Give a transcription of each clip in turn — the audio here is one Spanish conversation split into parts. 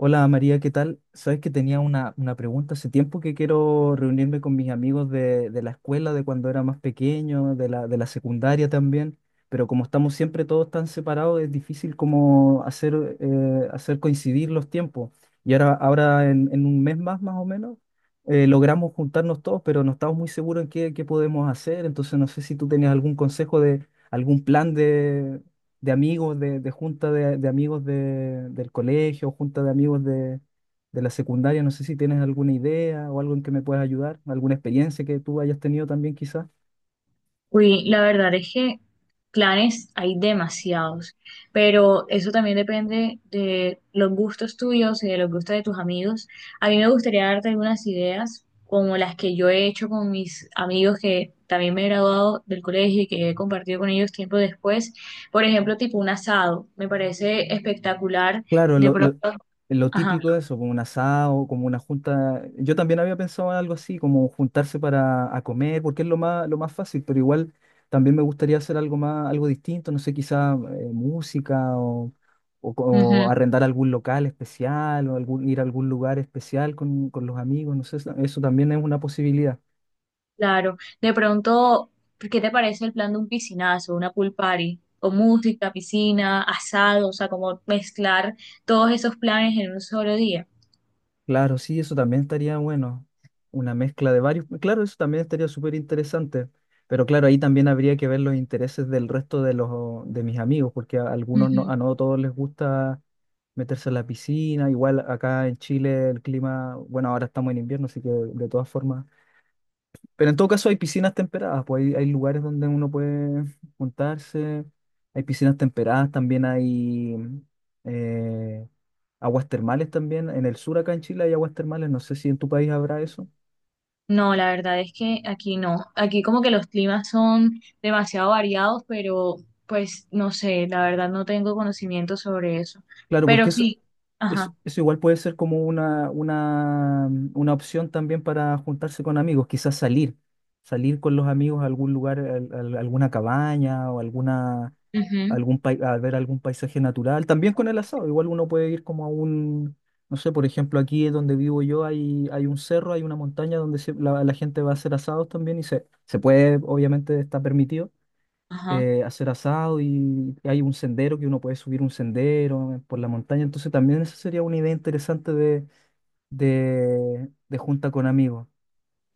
Hola María, ¿qué tal? Sabes que tenía una pregunta hace tiempo que quiero reunirme con mis amigos de la escuela, de cuando era más pequeño, de la secundaria también, pero como estamos siempre todos tan separados, es difícil como hacer, hacer coincidir los tiempos. Y ahora en un mes más, más o menos, logramos juntarnos todos, pero no estamos muy seguros en qué podemos hacer, entonces no sé si tú tenías algún consejo de algún plan de amigos, de junta de amigos del colegio, junta de amigos de la secundaria. No sé si tienes alguna idea o algo en que me puedas ayudar, alguna experiencia que tú hayas tenido también quizás. Uy, la verdad es que planes hay demasiados, pero eso también depende de los gustos tuyos y de los gustos de tus amigos. A mí me gustaría darte algunas ideas, como las que yo he hecho con mis amigos que también me he graduado del colegio y que he compartido con ellos tiempo después. Por ejemplo, tipo un asado, me parece espectacular. Claro, De lo, pronto, lo- lo ajá. típico de eso, como un asado, como una junta. Yo también había pensado en algo así, como juntarse para a comer, porque es lo más fácil, pero igual también me gustaría hacer algo más, algo distinto, no sé, quizá música o, o Ujú. arrendar algún local especial o algún, ir a algún lugar especial con los amigos, no sé, eso también es una posibilidad. Claro, de pronto, ¿qué te parece el plan de un piscinazo, una pool party, con música, piscina, asado? O sea, como mezclar todos esos planes en un solo día. Claro, sí, eso también estaría bueno. Una mezcla de varios. Claro, eso también estaría súper interesante. Pero claro, ahí también habría que ver los intereses del resto de los de mis amigos, porque a algunos no, Ujú. a no todos les gusta meterse en la piscina. Igual acá en Chile el clima, bueno, ahora estamos en invierno, así que de todas formas pero en todo caso hay piscinas temperadas, pues hay lugares donde uno puede juntarse, hay piscinas temperadas, también hay eh, aguas termales también. En el sur acá en Chile hay aguas termales, no sé si en tu país habrá eso. No, la verdad es que aquí no. Aquí como que los climas son demasiado variados, pero pues no sé, la verdad no tengo conocimiento sobre eso. Claro, porque Pero eso, sí, eso, ajá, eso igual puede ser como una opción también para juntarse con amigos, quizás salir, salir con los amigos a algún lugar, alguna cabaña o alguna ujú, a ver algún paisaje natural. También con el asado, igual uno puede ir como a un, no sé, por ejemplo, aquí donde vivo yo hay, hay un cerro, hay una montaña donde la, la gente va a hacer asados también y se puede, obviamente está permitido ajá. Hacer asado y hay un sendero que uno puede subir un sendero por la montaña. Entonces también esa sería una idea interesante de junta con amigos.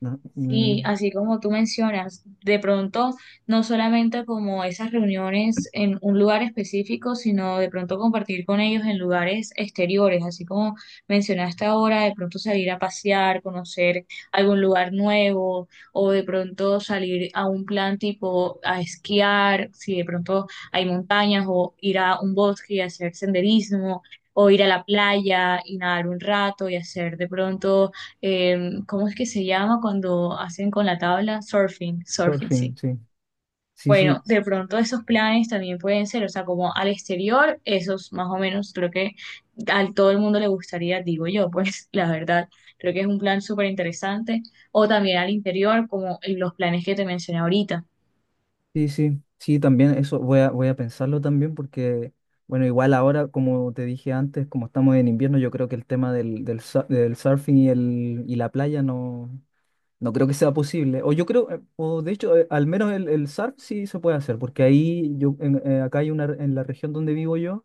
¿No? Mm, Sí, así como tú mencionas, de pronto no solamente como esas reuniones en un lugar específico, sino de pronto compartir con ellos en lugares exteriores, así como mencionaste ahora, de pronto salir a pasear, conocer algún lugar nuevo, o de pronto salir a un plan tipo a esquiar, si de pronto hay montañas, o ir a un bosque y hacer senderismo, o ir a la playa y nadar un rato y hacer de pronto ¿cómo es que se llama cuando hacen con la tabla? Surfing, surfing, surfing, sí. sí. Sí, Bueno, sí. de pronto esos planes también pueden ser, o sea, como al exterior, esos más o menos creo que a todo el mundo le gustaría, digo yo, pues la verdad, creo que es un plan súper interesante. O también al interior, como los planes que te mencioné ahorita. Sí, sí, sí, también eso voy a, voy a pensarlo también porque, bueno, igual ahora, como te dije antes, como estamos en invierno, yo creo que el tema del surfing y, el, y la playa no, no creo que sea posible. O yo creo, o de hecho, al menos el surf sí se puede hacer, porque ahí, yo, acá hay una, en la región donde vivo yo,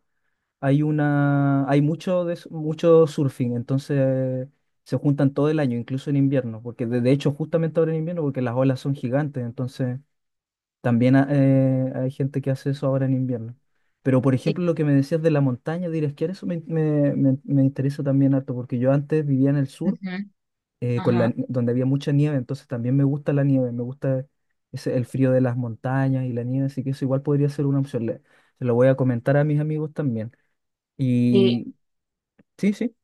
hay una, hay mucho surfing, entonces se juntan todo el año, incluso en invierno, porque de hecho justamente ahora en invierno, porque las olas son gigantes, entonces También hay gente que hace eso ahora en invierno. Pero, por Sí. ejemplo, lo que me decías de la montaña, de ir a esquiar, eso me interesa también harto, porque yo antes vivía en el sur, Ujú, con ajá. la, donde había mucha nieve, entonces también me gusta la nieve, me gusta ese, el frío de las montañas y la nieve, así que eso igual podría ser una opción. Se lo voy a comentar a mis amigos también. Eh, Y sí, sí,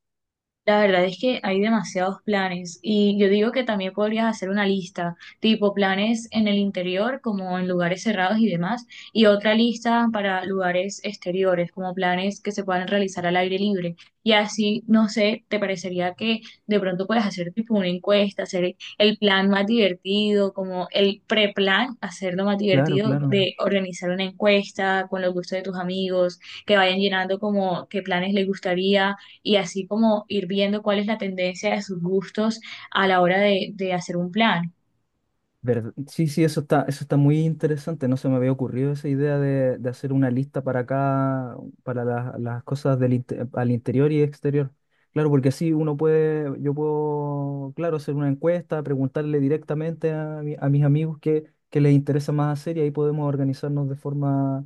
La verdad es que hay demasiados planes y yo digo que también podrías hacer una lista, tipo planes en el interior como en lugares cerrados y demás, y otra lista para lugares exteriores, como planes que se puedan realizar al aire libre. Y así, no sé, te parecería que de pronto puedes hacer tipo una encuesta, hacer el plan más divertido, como el preplan, hacerlo más claro, divertido claro. de organizar una encuesta con los gustos de tus amigos, que vayan llenando como qué planes les gustaría y así como ir viendo cuál es la tendencia de sus gustos a la hora de hacer un plan. Sí, sí, eso está muy interesante. No se me había ocurrido esa idea de hacer una lista para acá, para las cosas al interior y exterior. Claro, porque así uno puede, yo puedo, claro, hacer una encuesta, preguntarle directamente a, a mis amigos qué les interesa más hacer y ahí podemos organizarnos de forma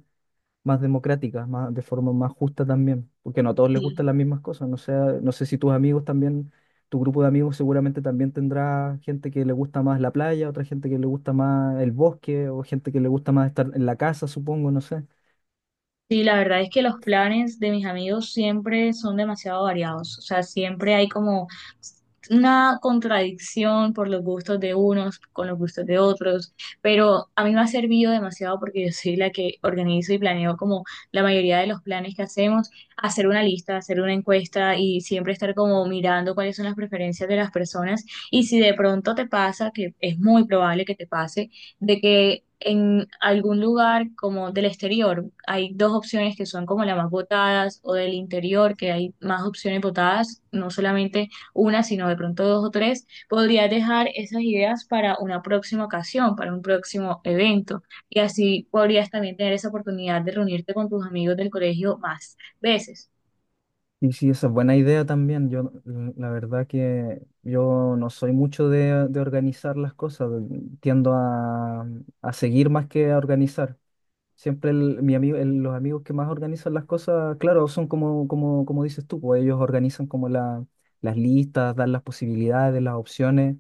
más democrática, más, de forma más justa también, porque no a todos les Sí. gustan las mismas cosas. No sé, no sé si tus amigos también, tu grupo de amigos seguramente también tendrá gente que le gusta más la playa, otra gente que le gusta más el bosque, o gente que le gusta más estar en la casa, supongo, no sé. Sí, la verdad es que los planes de mis amigos siempre son demasiado variados, o sea, siempre hay como una contradicción por los gustos de unos con los gustos de otros, pero a mí me ha servido demasiado porque yo soy la que organizo y planeo como la mayoría de los planes que hacemos, hacer una lista, hacer una encuesta y siempre estar como mirando cuáles son las preferencias de las personas y si de pronto te pasa, que es muy probable que te pase, de que en algún lugar como del exterior hay dos opciones que son como las más votadas o del interior que hay más opciones votadas, no solamente una, sino de pronto dos o tres, podrías dejar esas ideas para una próxima ocasión, para un próximo evento y así podrías también tener esa oportunidad de reunirte con tus amigos del colegio más veces. Y sí, esa es buena idea también. Yo, mm, la verdad que yo no soy mucho de organizar las cosas, tiendo a, a seguir más que a organizar. Siempre mi amigo, los amigos que más organizan las cosas, claro, son como dices tú, pues ellos organizan como la, las listas, dan las posibilidades, las opciones,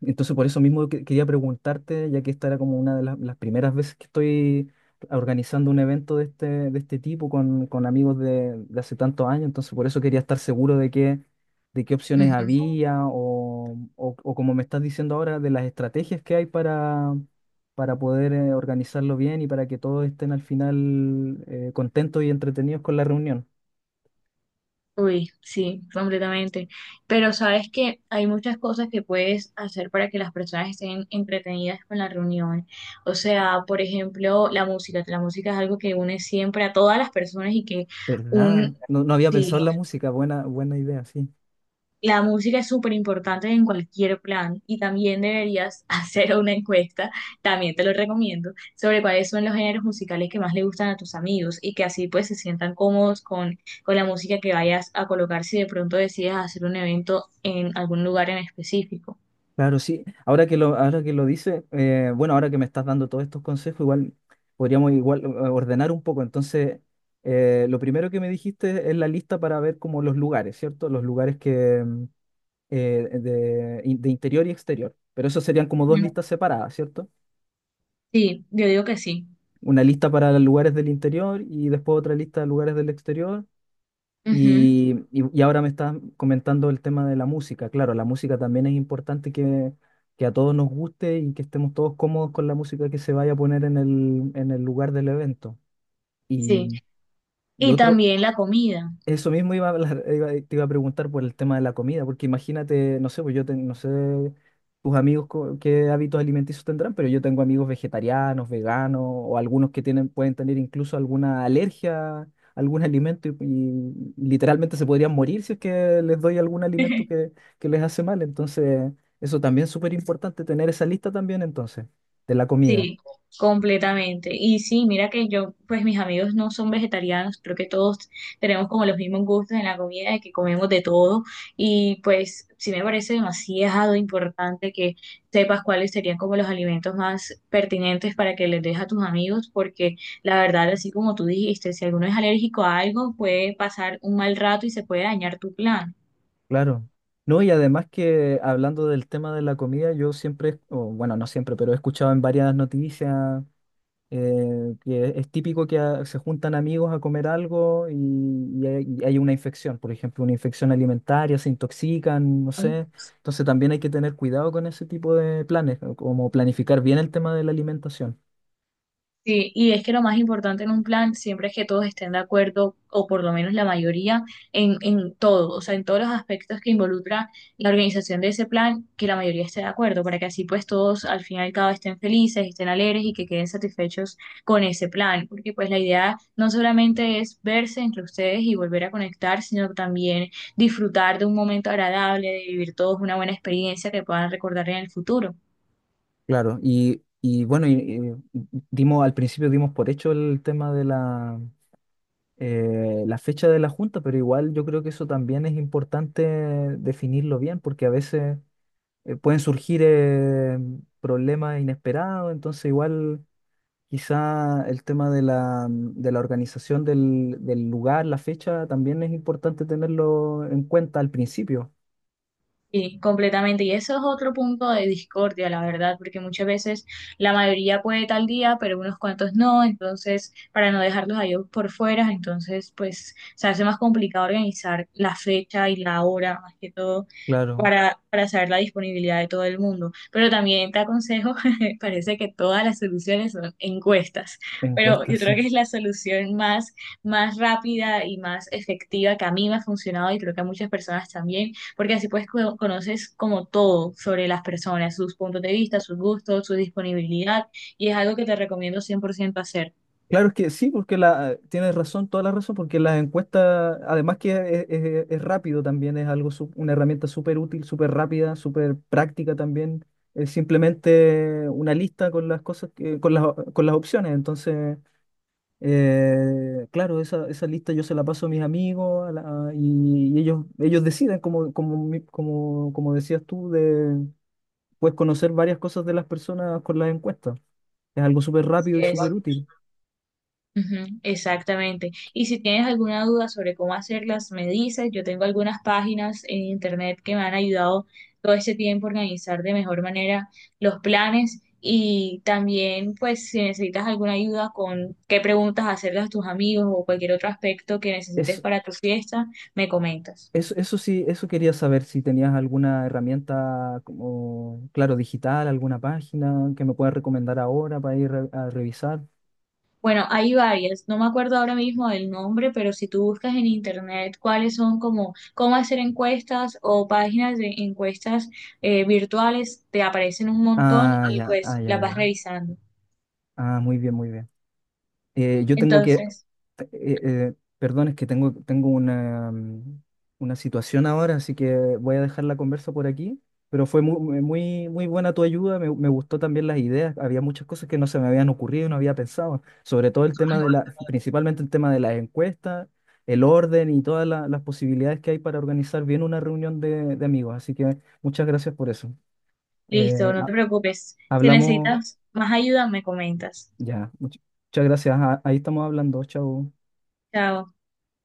entonces, por eso mismo quería preguntarte, ya que esta era como una de las primeras veces que estoy organizando un evento de este tipo con amigos de hace tantos años, entonces por eso quería estar seguro de qué opciones Ujú. había o, o como me estás diciendo ahora, de las estrategias que hay para poder organizarlo bien y para que todos estén al final contentos y entretenidos con la reunión. Uy, sí, completamente. Pero sabes que hay muchas cosas que puedes hacer para que las personas estén entretenidas con la reunión. O sea, por ejemplo, la música. La música es algo que une siempre a todas las personas y que ¿Verdad? un, No, no había pensado sí, en la música, buena, buena idea, sí. la música es súper importante en cualquier plan y también deberías hacer una encuesta, también te lo recomiendo, sobre cuáles son los géneros musicales que más le gustan a tus amigos y que así pues se sientan cómodos con la música que vayas a colocar si de pronto decides hacer un evento en algún lugar en específico. Claro, sí. Ahora que lo dice, bueno, ahora que me estás dando todos estos consejos, igual podríamos igual ordenar un poco. Entonces, lo primero que me dijiste es la lista para ver como los lugares, ¿cierto? Los lugares que mm, de interior y exterior. Pero eso serían como dos Ujú. listas separadas, ¿cierto? Sí, yo digo que sí. Una lista para lugares del interior y después otra lista de lugares del exterior. Ujú, Y, y ahora me estás comentando el tema de la música. Claro, la música también es importante que a todos nos guste y que estemos todos cómodos con la música que se vaya a poner en el lugar del evento. sí. Y, y Y otro, también la comida. eso mismo iba a te iba a preguntar por el tema de la comida, porque imagínate, no sé, pues yo no sé tus amigos qué hábitos alimenticios tendrán, pero yo tengo amigos vegetarianos, veganos, o algunos que tienen, pueden tener incluso alguna alergia a algún alimento y literalmente se podrían morir si es que les doy algún alimento que les hace mal. Entonces, eso también es súper importante, tener esa lista también entonces, de la comida. Sí, completamente. Y sí, mira que yo, pues mis amigos no son vegetarianos, creo que todos tenemos como los mismos gustos en la comida, de que comemos de todo. Y pues sí me parece demasiado importante que sepas cuáles serían como los alimentos más pertinentes para que les des a tus amigos, porque la verdad, así como tú dijiste, si alguno es alérgico a algo, puede pasar un mal rato y se puede dañar tu plan. Claro. No, y además que hablando del tema de la comida, yo siempre, o bueno, no siempre, pero he escuchado en varias noticias que es típico que se juntan amigos a comer algo y, y hay una infección, por ejemplo, una infección alimentaria, se intoxican, no sé. Entonces también hay que tener cuidado con ese tipo de planes, o como planificar bien el tema de la alimentación. Sí, y es que lo más importante en un plan siempre es que todos estén de acuerdo, o por lo menos la mayoría, en todo, o sea, en todos los aspectos que involucra la organización de ese plan, que la mayoría esté de acuerdo, para que así pues todos al final y al cabo estén felices, estén alegres y que queden satisfechos con ese plan, porque pues la idea no solamente es verse entre ustedes y volver a conectar, sino también disfrutar de un momento agradable, de vivir todos una buena experiencia que puedan recordar en el futuro. Claro, y bueno, y dimos, al principio dimos por hecho el tema de la la fecha de la junta, pero igual yo creo que eso también es importante definirlo bien, porque a veces pueden surgir problemas inesperados, entonces igual quizá el tema de la organización del lugar, la fecha, también es importante tenerlo en cuenta al principio. Sí, completamente. Y eso es otro punto de discordia, la verdad, porque muchas veces la mayoría puede tal día, pero unos cuantos no. Entonces, para no dejarlos a ellos por fuera, entonces, pues se hace más complicado organizar la fecha y la hora, más que todo, Claro, para saber la disponibilidad de todo el mundo. Pero también te aconsejo, parece que todas las soluciones son encuestas, pero encuesta, yo creo sí. que es la solución más, más rápida y más efectiva que a mí me ha funcionado y creo que a muchas personas también porque así pues conoces como todo sobre las personas, sus puntos de vista, sus gustos, su disponibilidad, y es algo que te recomiendo 100% hacer. Claro, es que sí, porque la, tienes razón, toda la razón, porque las encuestas, además que es, es rápido también, es algo, una herramienta súper útil, súper rápida, súper práctica también. Es simplemente una lista con las cosas, con las opciones. Entonces, claro, esa lista yo se la paso a mis amigos a y, y ellos deciden, como, como, como decías tú, de, puedes conocer varias cosas de las personas con las encuestas. Es algo súper Así rápido y es. súper útil. Ujú, exactamente. Y si tienes alguna duda sobre cómo hacerlas, me dices, yo tengo algunas páginas en internet que me han ayudado todo este tiempo a organizar de mejor manera los planes. Y también, pues, si necesitas alguna ayuda con qué preguntas hacerle a tus amigos o cualquier otro aspecto que necesites para tu fiesta, me comentas. Eso sí, eso quería saber si tenías alguna herramienta como, claro, digital, alguna página que me puedas recomendar ahora para ir a revisar. Bueno, hay varias, no me acuerdo ahora mismo del nombre, pero si tú buscas en internet cuáles son como cómo hacer encuestas o páginas de encuestas virtuales, te aparecen un montón Ah, y ya, ah, pues ya, las vas ya. revisando. Ah, muy bien, muy bien. Yo tengo que eh, Entonces, eh, perdón, es que tengo, tengo una, mm, una situación ahora, así que voy a dejar la conversa por aquí. Pero fue muy muy, muy, buena tu ayuda, me gustó también las ideas. Había muchas cosas que no se me habían ocurrido, no había pensado. Sobre todo el tema de la, principalmente el tema de las encuestas, el orden y todas las posibilidades que hay para organizar bien una reunión de amigos. Así que muchas gracias por eso. Eh, listo, no te ha- preocupes. Si hablamos necesitas más ayuda, me comentas. ya. Muchas gracias. Ah, ahí estamos hablando. Chao. Chao.